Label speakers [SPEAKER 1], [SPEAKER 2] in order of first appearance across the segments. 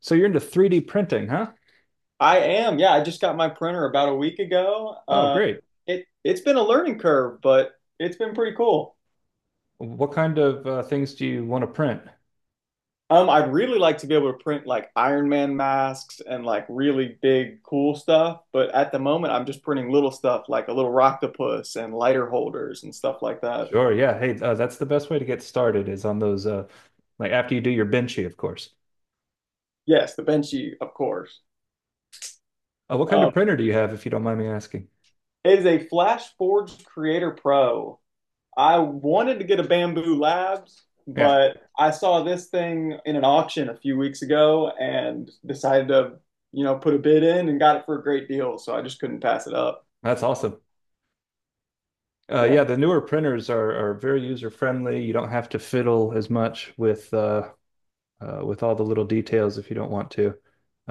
[SPEAKER 1] So you're into 3D printing, huh?
[SPEAKER 2] I am. Yeah, I just got my printer about a week ago.
[SPEAKER 1] Oh, great.
[SPEAKER 2] It's been a learning curve, but it's been pretty cool.
[SPEAKER 1] What kind of things do you want to print?
[SPEAKER 2] I'd really like to be able to print like Iron Man masks and like really big cool stuff, but at the moment I'm just printing little stuff like a little octopus and lighter holders and stuff like that.
[SPEAKER 1] Sure, yeah. Hey, that's the best way to get started is on those, like after you do your Benchy, of course.
[SPEAKER 2] Yes, the Benchy, of course.
[SPEAKER 1] What kind
[SPEAKER 2] Um,
[SPEAKER 1] of printer do you have, if you don't mind me asking?
[SPEAKER 2] it is a Flash Forged Creator Pro. I wanted to get a Bamboo Labs,
[SPEAKER 1] Yeah,
[SPEAKER 2] but I saw this thing in an auction a few weeks ago and decided to, you know, put a bid in and got it for a great deal. So I just couldn't pass it up.
[SPEAKER 1] that's awesome. Yeah,
[SPEAKER 2] Yeah.
[SPEAKER 1] the newer printers are very user friendly. You don't have to fiddle as much with all the little details if you don't want to.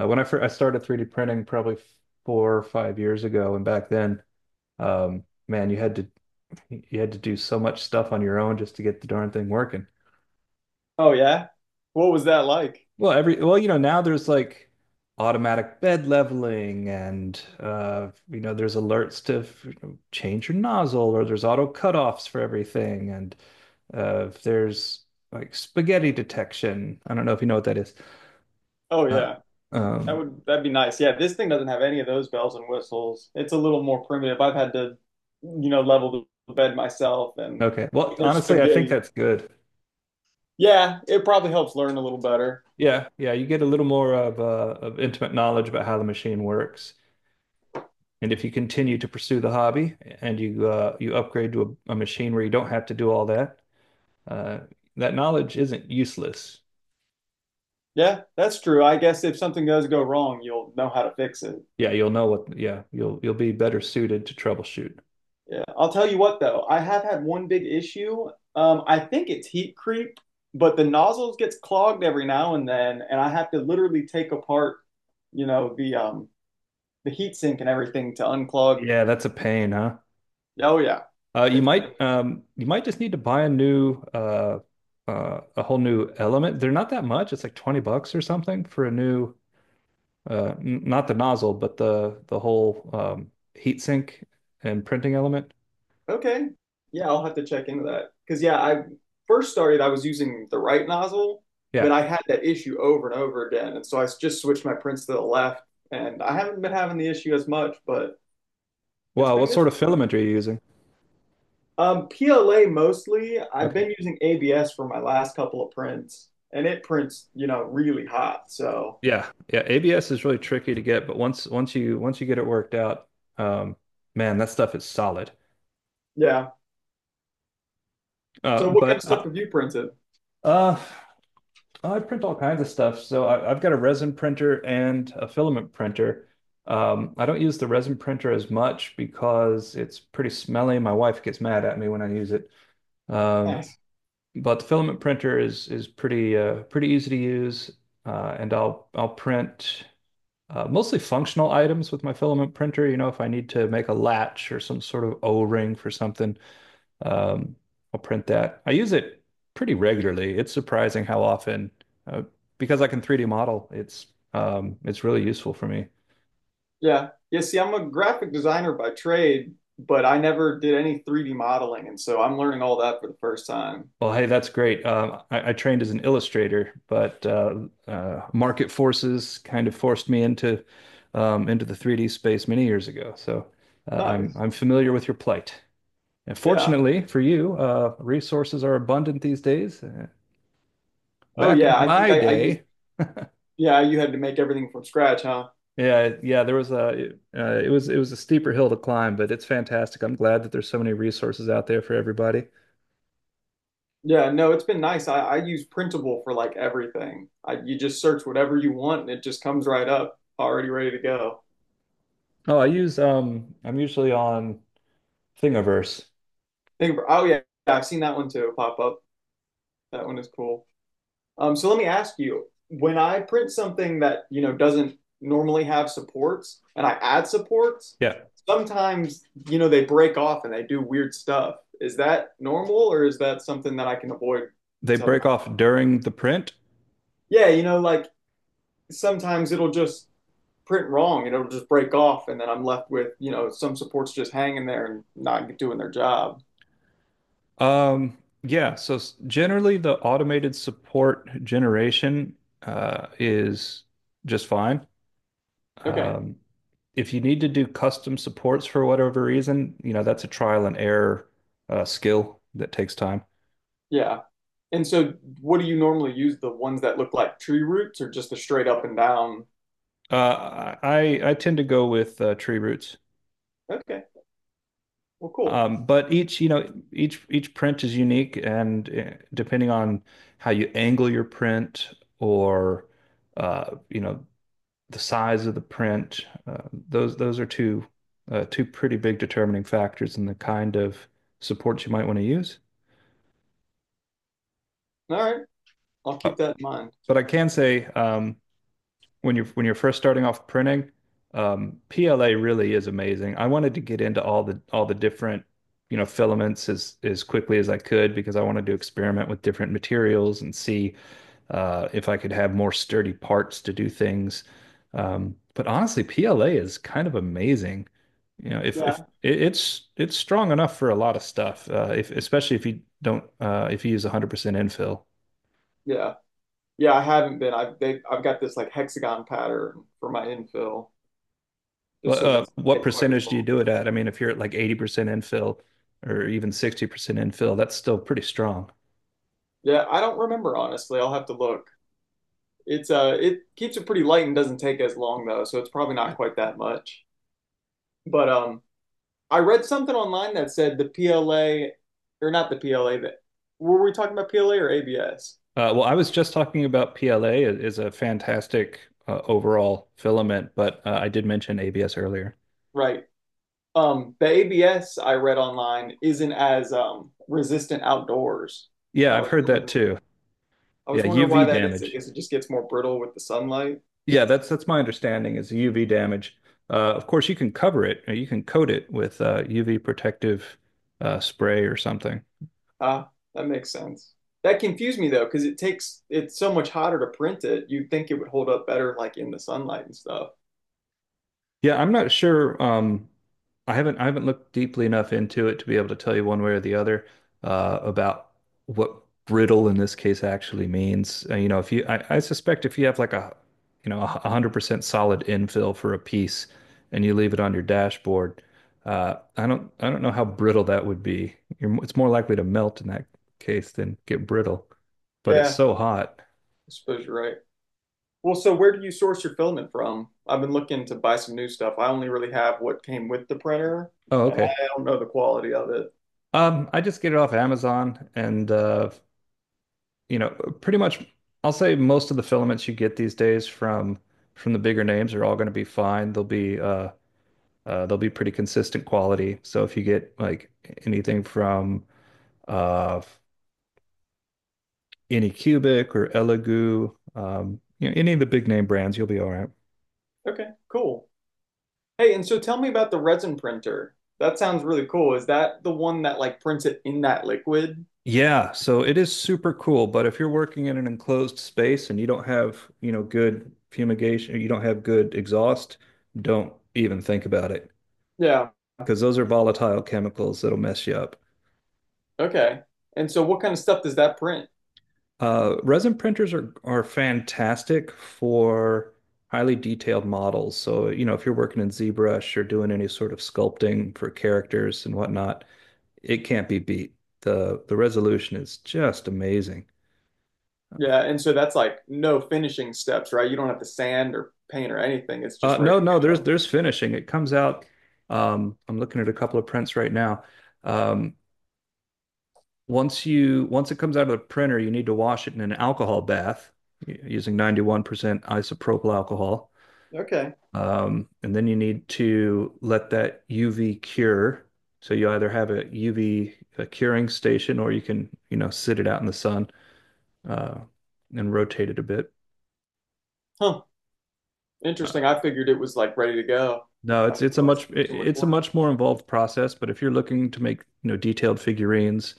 [SPEAKER 1] When I first I started 3D printing probably 4 or 5 years ago, and back then, um, man, you had to do so much stuff on your own just to get the darn thing working.
[SPEAKER 2] Oh yeah. What was that like?
[SPEAKER 1] Well, you know, now there's like automatic bed leveling, and you know, there's alerts to, you know, change your nozzle, or there's auto cutoffs for everything, and there's like spaghetti detection. I don't know if you know what that is.
[SPEAKER 2] Oh
[SPEAKER 1] Uh,
[SPEAKER 2] yeah. That
[SPEAKER 1] um
[SPEAKER 2] would that'd be nice. Yeah, this thing doesn't have any of those bells and whistles. It's a little more primitive. I've had to, you know, level the bed myself and
[SPEAKER 1] okay. Well,
[SPEAKER 2] there's
[SPEAKER 1] honestly, I think
[SPEAKER 2] spaghetti.
[SPEAKER 1] that's good.
[SPEAKER 2] Yeah, it probably helps learn a little better.
[SPEAKER 1] Yeah, yeah, you get a little more of intimate knowledge about how the machine works. And if you continue to pursue the hobby and you you upgrade to a machine where you don't have to do all that, uh, that knowledge isn't useless.
[SPEAKER 2] Yeah, that's true. I guess if something does go wrong, you'll know how to fix it.
[SPEAKER 1] Yeah, you'll know what. Yeah, you'll be better suited to troubleshoot.
[SPEAKER 2] Yeah. I'll tell you what though, I have had one big issue. I think it's heat creep, but the nozzles gets clogged every now and then, and I have to literally take apart, you know, the the heat sink and everything to unclog.
[SPEAKER 1] Yeah, that's a pain, huh?
[SPEAKER 2] Oh yeah.
[SPEAKER 1] You
[SPEAKER 2] It's
[SPEAKER 1] might you might just need to buy a new a whole new element. They're not that much. It's like 20 bucks or something for a new n not the nozzle, but the whole heat sink and printing element.
[SPEAKER 2] okay. Yeah, I'll have to check into that. Because, yeah, I first started, I was using the right nozzle, but
[SPEAKER 1] Yeah.
[SPEAKER 2] I had that issue over and over again. And so just switched my prints to the left, and I haven't been having the issue as much, but it's
[SPEAKER 1] Wow,
[SPEAKER 2] been
[SPEAKER 1] what
[SPEAKER 2] it's
[SPEAKER 1] sort of
[SPEAKER 2] been weird.
[SPEAKER 1] filament are you using?
[SPEAKER 2] PLA mostly. I've
[SPEAKER 1] Okay.
[SPEAKER 2] been using ABS for my last couple of prints, and it prints, you know, really hot. So,
[SPEAKER 1] Yeah, yeah, ABS is really tricky to get, but once you get it worked out, um, man, that stuff is solid.
[SPEAKER 2] yeah.
[SPEAKER 1] Uh,
[SPEAKER 2] So, what kind
[SPEAKER 1] but
[SPEAKER 2] of stuff
[SPEAKER 1] I,
[SPEAKER 2] have you printed?
[SPEAKER 1] uh, I print all kinds of stuff, so I've got a resin printer and a filament printer. I don't use the resin printer as much because it's pretty smelly. My wife gets mad at me when I use it. Um,
[SPEAKER 2] Nice.
[SPEAKER 1] but the filament printer is pretty pretty easy to use, and I'll print mostly functional items with my filament printer. You know, if I need to make a latch or some sort of O-ring for something, um, I'll print that. I use it pretty regularly. It's surprising how often, uh, because I can 3D model, it's really useful for me.
[SPEAKER 2] Yeah. Yeah, see, I'm a graphic designer by trade, but I never did any 3D modeling, and so I'm learning all that for the first time.
[SPEAKER 1] Well, hey, that's great. I trained as an illustrator, but market forces kind of forced me into the 3D space many years ago. So I'm
[SPEAKER 2] Nice.
[SPEAKER 1] familiar with your plight. And
[SPEAKER 2] Yeah.
[SPEAKER 1] fortunately for you, resources are abundant these days.
[SPEAKER 2] Oh
[SPEAKER 1] Back
[SPEAKER 2] yeah,
[SPEAKER 1] in
[SPEAKER 2] I think
[SPEAKER 1] my
[SPEAKER 2] I, I used
[SPEAKER 1] day,
[SPEAKER 2] yeah, you had to make everything from scratch, huh?
[SPEAKER 1] yeah, yeah, there was a it was a steeper hill to climb, but it's fantastic. I'm glad that there's so many resources out there for everybody.
[SPEAKER 2] Yeah, no, it's been nice. I use Printable for like everything. I, you just search whatever you want and it just comes right up, already ready to go.
[SPEAKER 1] Oh, I use I'm usually on Thingiverse.
[SPEAKER 2] Think of, oh yeah, I've seen that one too pop up. That one is cool. So let me ask you, when I print something that, you know, doesn't normally have supports and I add supports,
[SPEAKER 1] Yeah,
[SPEAKER 2] sometimes, you know, they break off and they do weird stuff. Is that normal or is that something that I can avoid
[SPEAKER 1] they
[SPEAKER 2] somehow?
[SPEAKER 1] break off during the print.
[SPEAKER 2] Yeah, you know, like sometimes it'll just print wrong and it'll just break off and then I'm left with, you know, some supports just hanging there and not doing their job.
[SPEAKER 1] Um, yeah, so generally the automated support generation is just fine.
[SPEAKER 2] Okay.
[SPEAKER 1] Um, if you need to do custom supports for whatever reason, you know, that's a trial and error skill that takes time.
[SPEAKER 2] Yeah. And so what do you normally use? The ones that look like tree roots or just the straight up and down?
[SPEAKER 1] I tend to go with tree roots.
[SPEAKER 2] Okay. Well, cool.
[SPEAKER 1] But each, you know, each print is unique, and depending on how you angle your print or you know, the size of the print, those are two two pretty big determining factors in the kind of supports you might want to use.
[SPEAKER 2] All right, I'll
[SPEAKER 1] Uh,
[SPEAKER 2] keep that in mind.
[SPEAKER 1] but I can say when you're first starting off printing, PLA really is amazing. I wanted to get into all the different, you know, filaments as quickly as I could because I wanted to experiment with different materials and see if I could have more sturdy parts to do things. But honestly, PLA is kind of amazing. You know,
[SPEAKER 2] Yeah.
[SPEAKER 1] if it, it's strong enough for a lot of stuff, if especially if you don't if you use 100% infill.
[SPEAKER 2] Yeah. Yeah, I haven't been. I've got this like hexagon pattern for my infill, just so it doesn't
[SPEAKER 1] What
[SPEAKER 2] take quite as
[SPEAKER 1] percentage do
[SPEAKER 2] long.
[SPEAKER 1] you do it at? I mean, if you're at like 80% infill or even 60% infill, that's still pretty strong.
[SPEAKER 2] Yeah, I don't remember honestly. I'll have to look. It's it keeps it pretty light and doesn't take as long though, so it's probably
[SPEAKER 1] Yeah.
[SPEAKER 2] not quite that much. But I read something online that said the PLA, or not the PLA, that were we talking about PLA or ABS?
[SPEAKER 1] Well, I was just talking about PLA is a fantastic overall filament, but I did mention ABS earlier.
[SPEAKER 2] Right. The ABS I read online isn't as resistant outdoors, and
[SPEAKER 1] Yeah,
[SPEAKER 2] I
[SPEAKER 1] I've
[SPEAKER 2] was
[SPEAKER 1] heard that
[SPEAKER 2] wondering
[SPEAKER 1] too.
[SPEAKER 2] I was
[SPEAKER 1] Yeah,
[SPEAKER 2] wondering why
[SPEAKER 1] UV
[SPEAKER 2] that is. I
[SPEAKER 1] damage.
[SPEAKER 2] guess it just gets more brittle with the sunlight.
[SPEAKER 1] Yeah, that's my understanding is UV damage. Of course, you can cover it. You can coat it with UV protective spray or something.
[SPEAKER 2] Ah, that makes sense. That confused me though, because it's so much hotter to print it. You'd think it would hold up better like in the sunlight and stuff.
[SPEAKER 1] Yeah, I'm not sure. I haven't looked deeply enough into it to be able to tell you one way or the other about what brittle in this case actually means. You know, if you I suspect if you have like a you know 100% solid infill for a piece and you leave it on your dashboard, I don't know how brittle that would be. You're, it's more likely to melt in that case than get brittle, but it's
[SPEAKER 2] Yeah,
[SPEAKER 1] so hot.
[SPEAKER 2] I suppose you're right. Well, so where do you source your filament from? I've been looking to buy some new stuff. I only really have what came with the printer,
[SPEAKER 1] Oh,
[SPEAKER 2] and
[SPEAKER 1] okay.
[SPEAKER 2] I don't know the quality of it.
[SPEAKER 1] I just get it off Amazon, and you know, pretty much I'll say most of the filaments you get these days from the bigger names are all going to be fine. They'll be pretty consistent quality. So if you get like anything from uh Anycubic or Elegoo, you know, any of the big name brands, you'll be all right.
[SPEAKER 2] Okay, cool. Hey, and so tell me about the resin printer. That sounds really cool. Is that the one that like prints it in that liquid?
[SPEAKER 1] Yeah, so it is super cool, but if you're working in an enclosed space and you don't have, you know, good fumigation, or you don't have good exhaust, don't even think about it
[SPEAKER 2] Yeah.
[SPEAKER 1] because those are volatile chemicals that'll mess you up.
[SPEAKER 2] Okay. And so what kind of stuff does that print?
[SPEAKER 1] Resin printers are fantastic for highly detailed models. So, you know, if you're working in ZBrush or doing any sort of sculpting for characters and whatnot, it can't be beat. The resolution is just amazing.
[SPEAKER 2] Yeah,
[SPEAKER 1] Uh,
[SPEAKER 2] and so that's like no finishing steps, right? You don't have to sand or paint or anything. It's just ready
[SPEAKER 1] no,
[SPEAKER 2] to
[SPEAKER 1] no, there's
[SPEAKER 2] go.
[SPEAKER 1] there's finishing. It comes out. I'm looking at a couple of prints right now. Um, once it comes out of the printer, you need to wash it in an alcohol bath using 91% isopropyl alcohol.
[SPEAKER 2] Okay.
[SPEAKER 1] And then you need to let that UV cure. So you either have a UV a curing station, or you can, you know, sit it out in the sun uh, and rotate it a bit.
[SPEAKER 2] Huh.
[SPEAKER 1] Uh,
[SPEAKER 2] Interesting. I figured it was like ready to go.
[SPEAKER 1] no,
[SPEAKER 2] I didn't realize it took so much
[SPEAKER 1] it's a
[SPEAKER 2] work.
[SPEAKER 1] much more involved process, but if you're looking to make, you know, detailed figurines,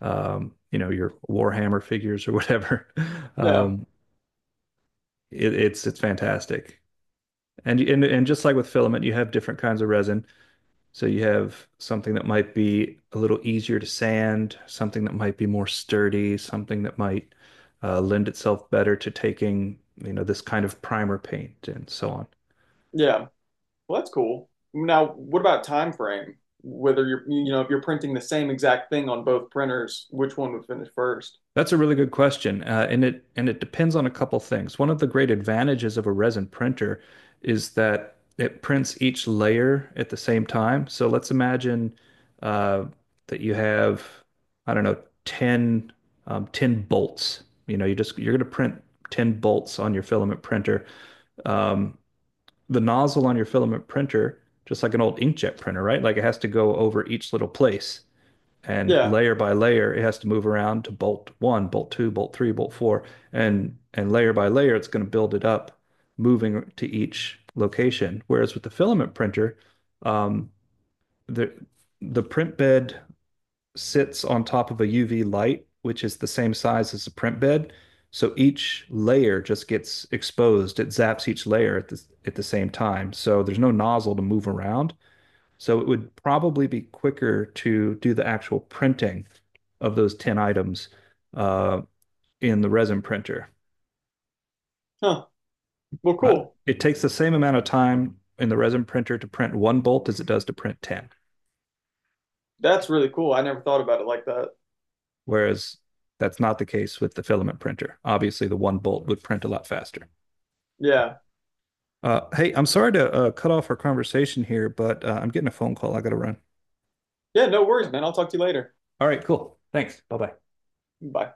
[SPEAKER 1] you know, your Warhammer figures or whatever,
[SPEAKER 2] Yeah.
[SPEAKER 1] um, it's fantastic. And just like with filament, you have different kinds of resin. So you have something that might be a little easier to sand, something that might be more sturdy, something that might lend itself better to taking, you know, this kind of primer paint and so on.
[SPEAKER 2] Yeah. Well, that's cool. Now, what about time frame? Whether you're, you know, if you're printing the same exact thing on both printers, which one would finish first?
[SPEAKER 1] That's a really good question, and it depends on a couple things. One of the great advantages of a resin printer is that it prints each layer at the same time. So let's imagine uh, that you have, I don't know, 10, 10 bolts. You know, you're going to print 10 bolts on your filament printer. Um, the nozzle on your filament printer, just like an old inkjet printer, right? Like it has to go over each little place, and
[SPEAKER 2] Yeah.
[SPEAKER 1] layer by layer it has to move around to bolt one, bolt two, bolt three, bolt four, and layer by layer it's going to build it up, moving to each location. Whereas with the filament printer, um, the the print bed sits on top of a UV light, which is the same size as the print bed. So each layer just gets exposed. It zaps each layer at at the same time. So there's no nozzle to move around. So it would probably be quicker to do the actual printing of those 10 items uh, in the resin printer.
[SPEAKER 2] Huh. Well,
[SPEAKER 1] Uh,
[SPEAKER 2] cool.
[SPEAKER 1] it takes the same amount of time in the resin printer to print one bolt as it does to print 10,
[SPEAKER 2] That's really cool. I never thought about it like that.
[SPEAKER 1] whereas that's not the case with the filament printer. Obviously, the one bolt would print a lot faster.
[SPEAKER 2] Yeah.
[SPEAKER 1] Hey, I'm sorry to cut off our conversation here, but I'm getting a phone call. I got to run.
[SPEAKER 2] Yeah, no worries, man. I'll talk to you later.
[SPEAKER 1] All right, cool. Thanks. Bye bye.
[SPEAKER 2] Bye.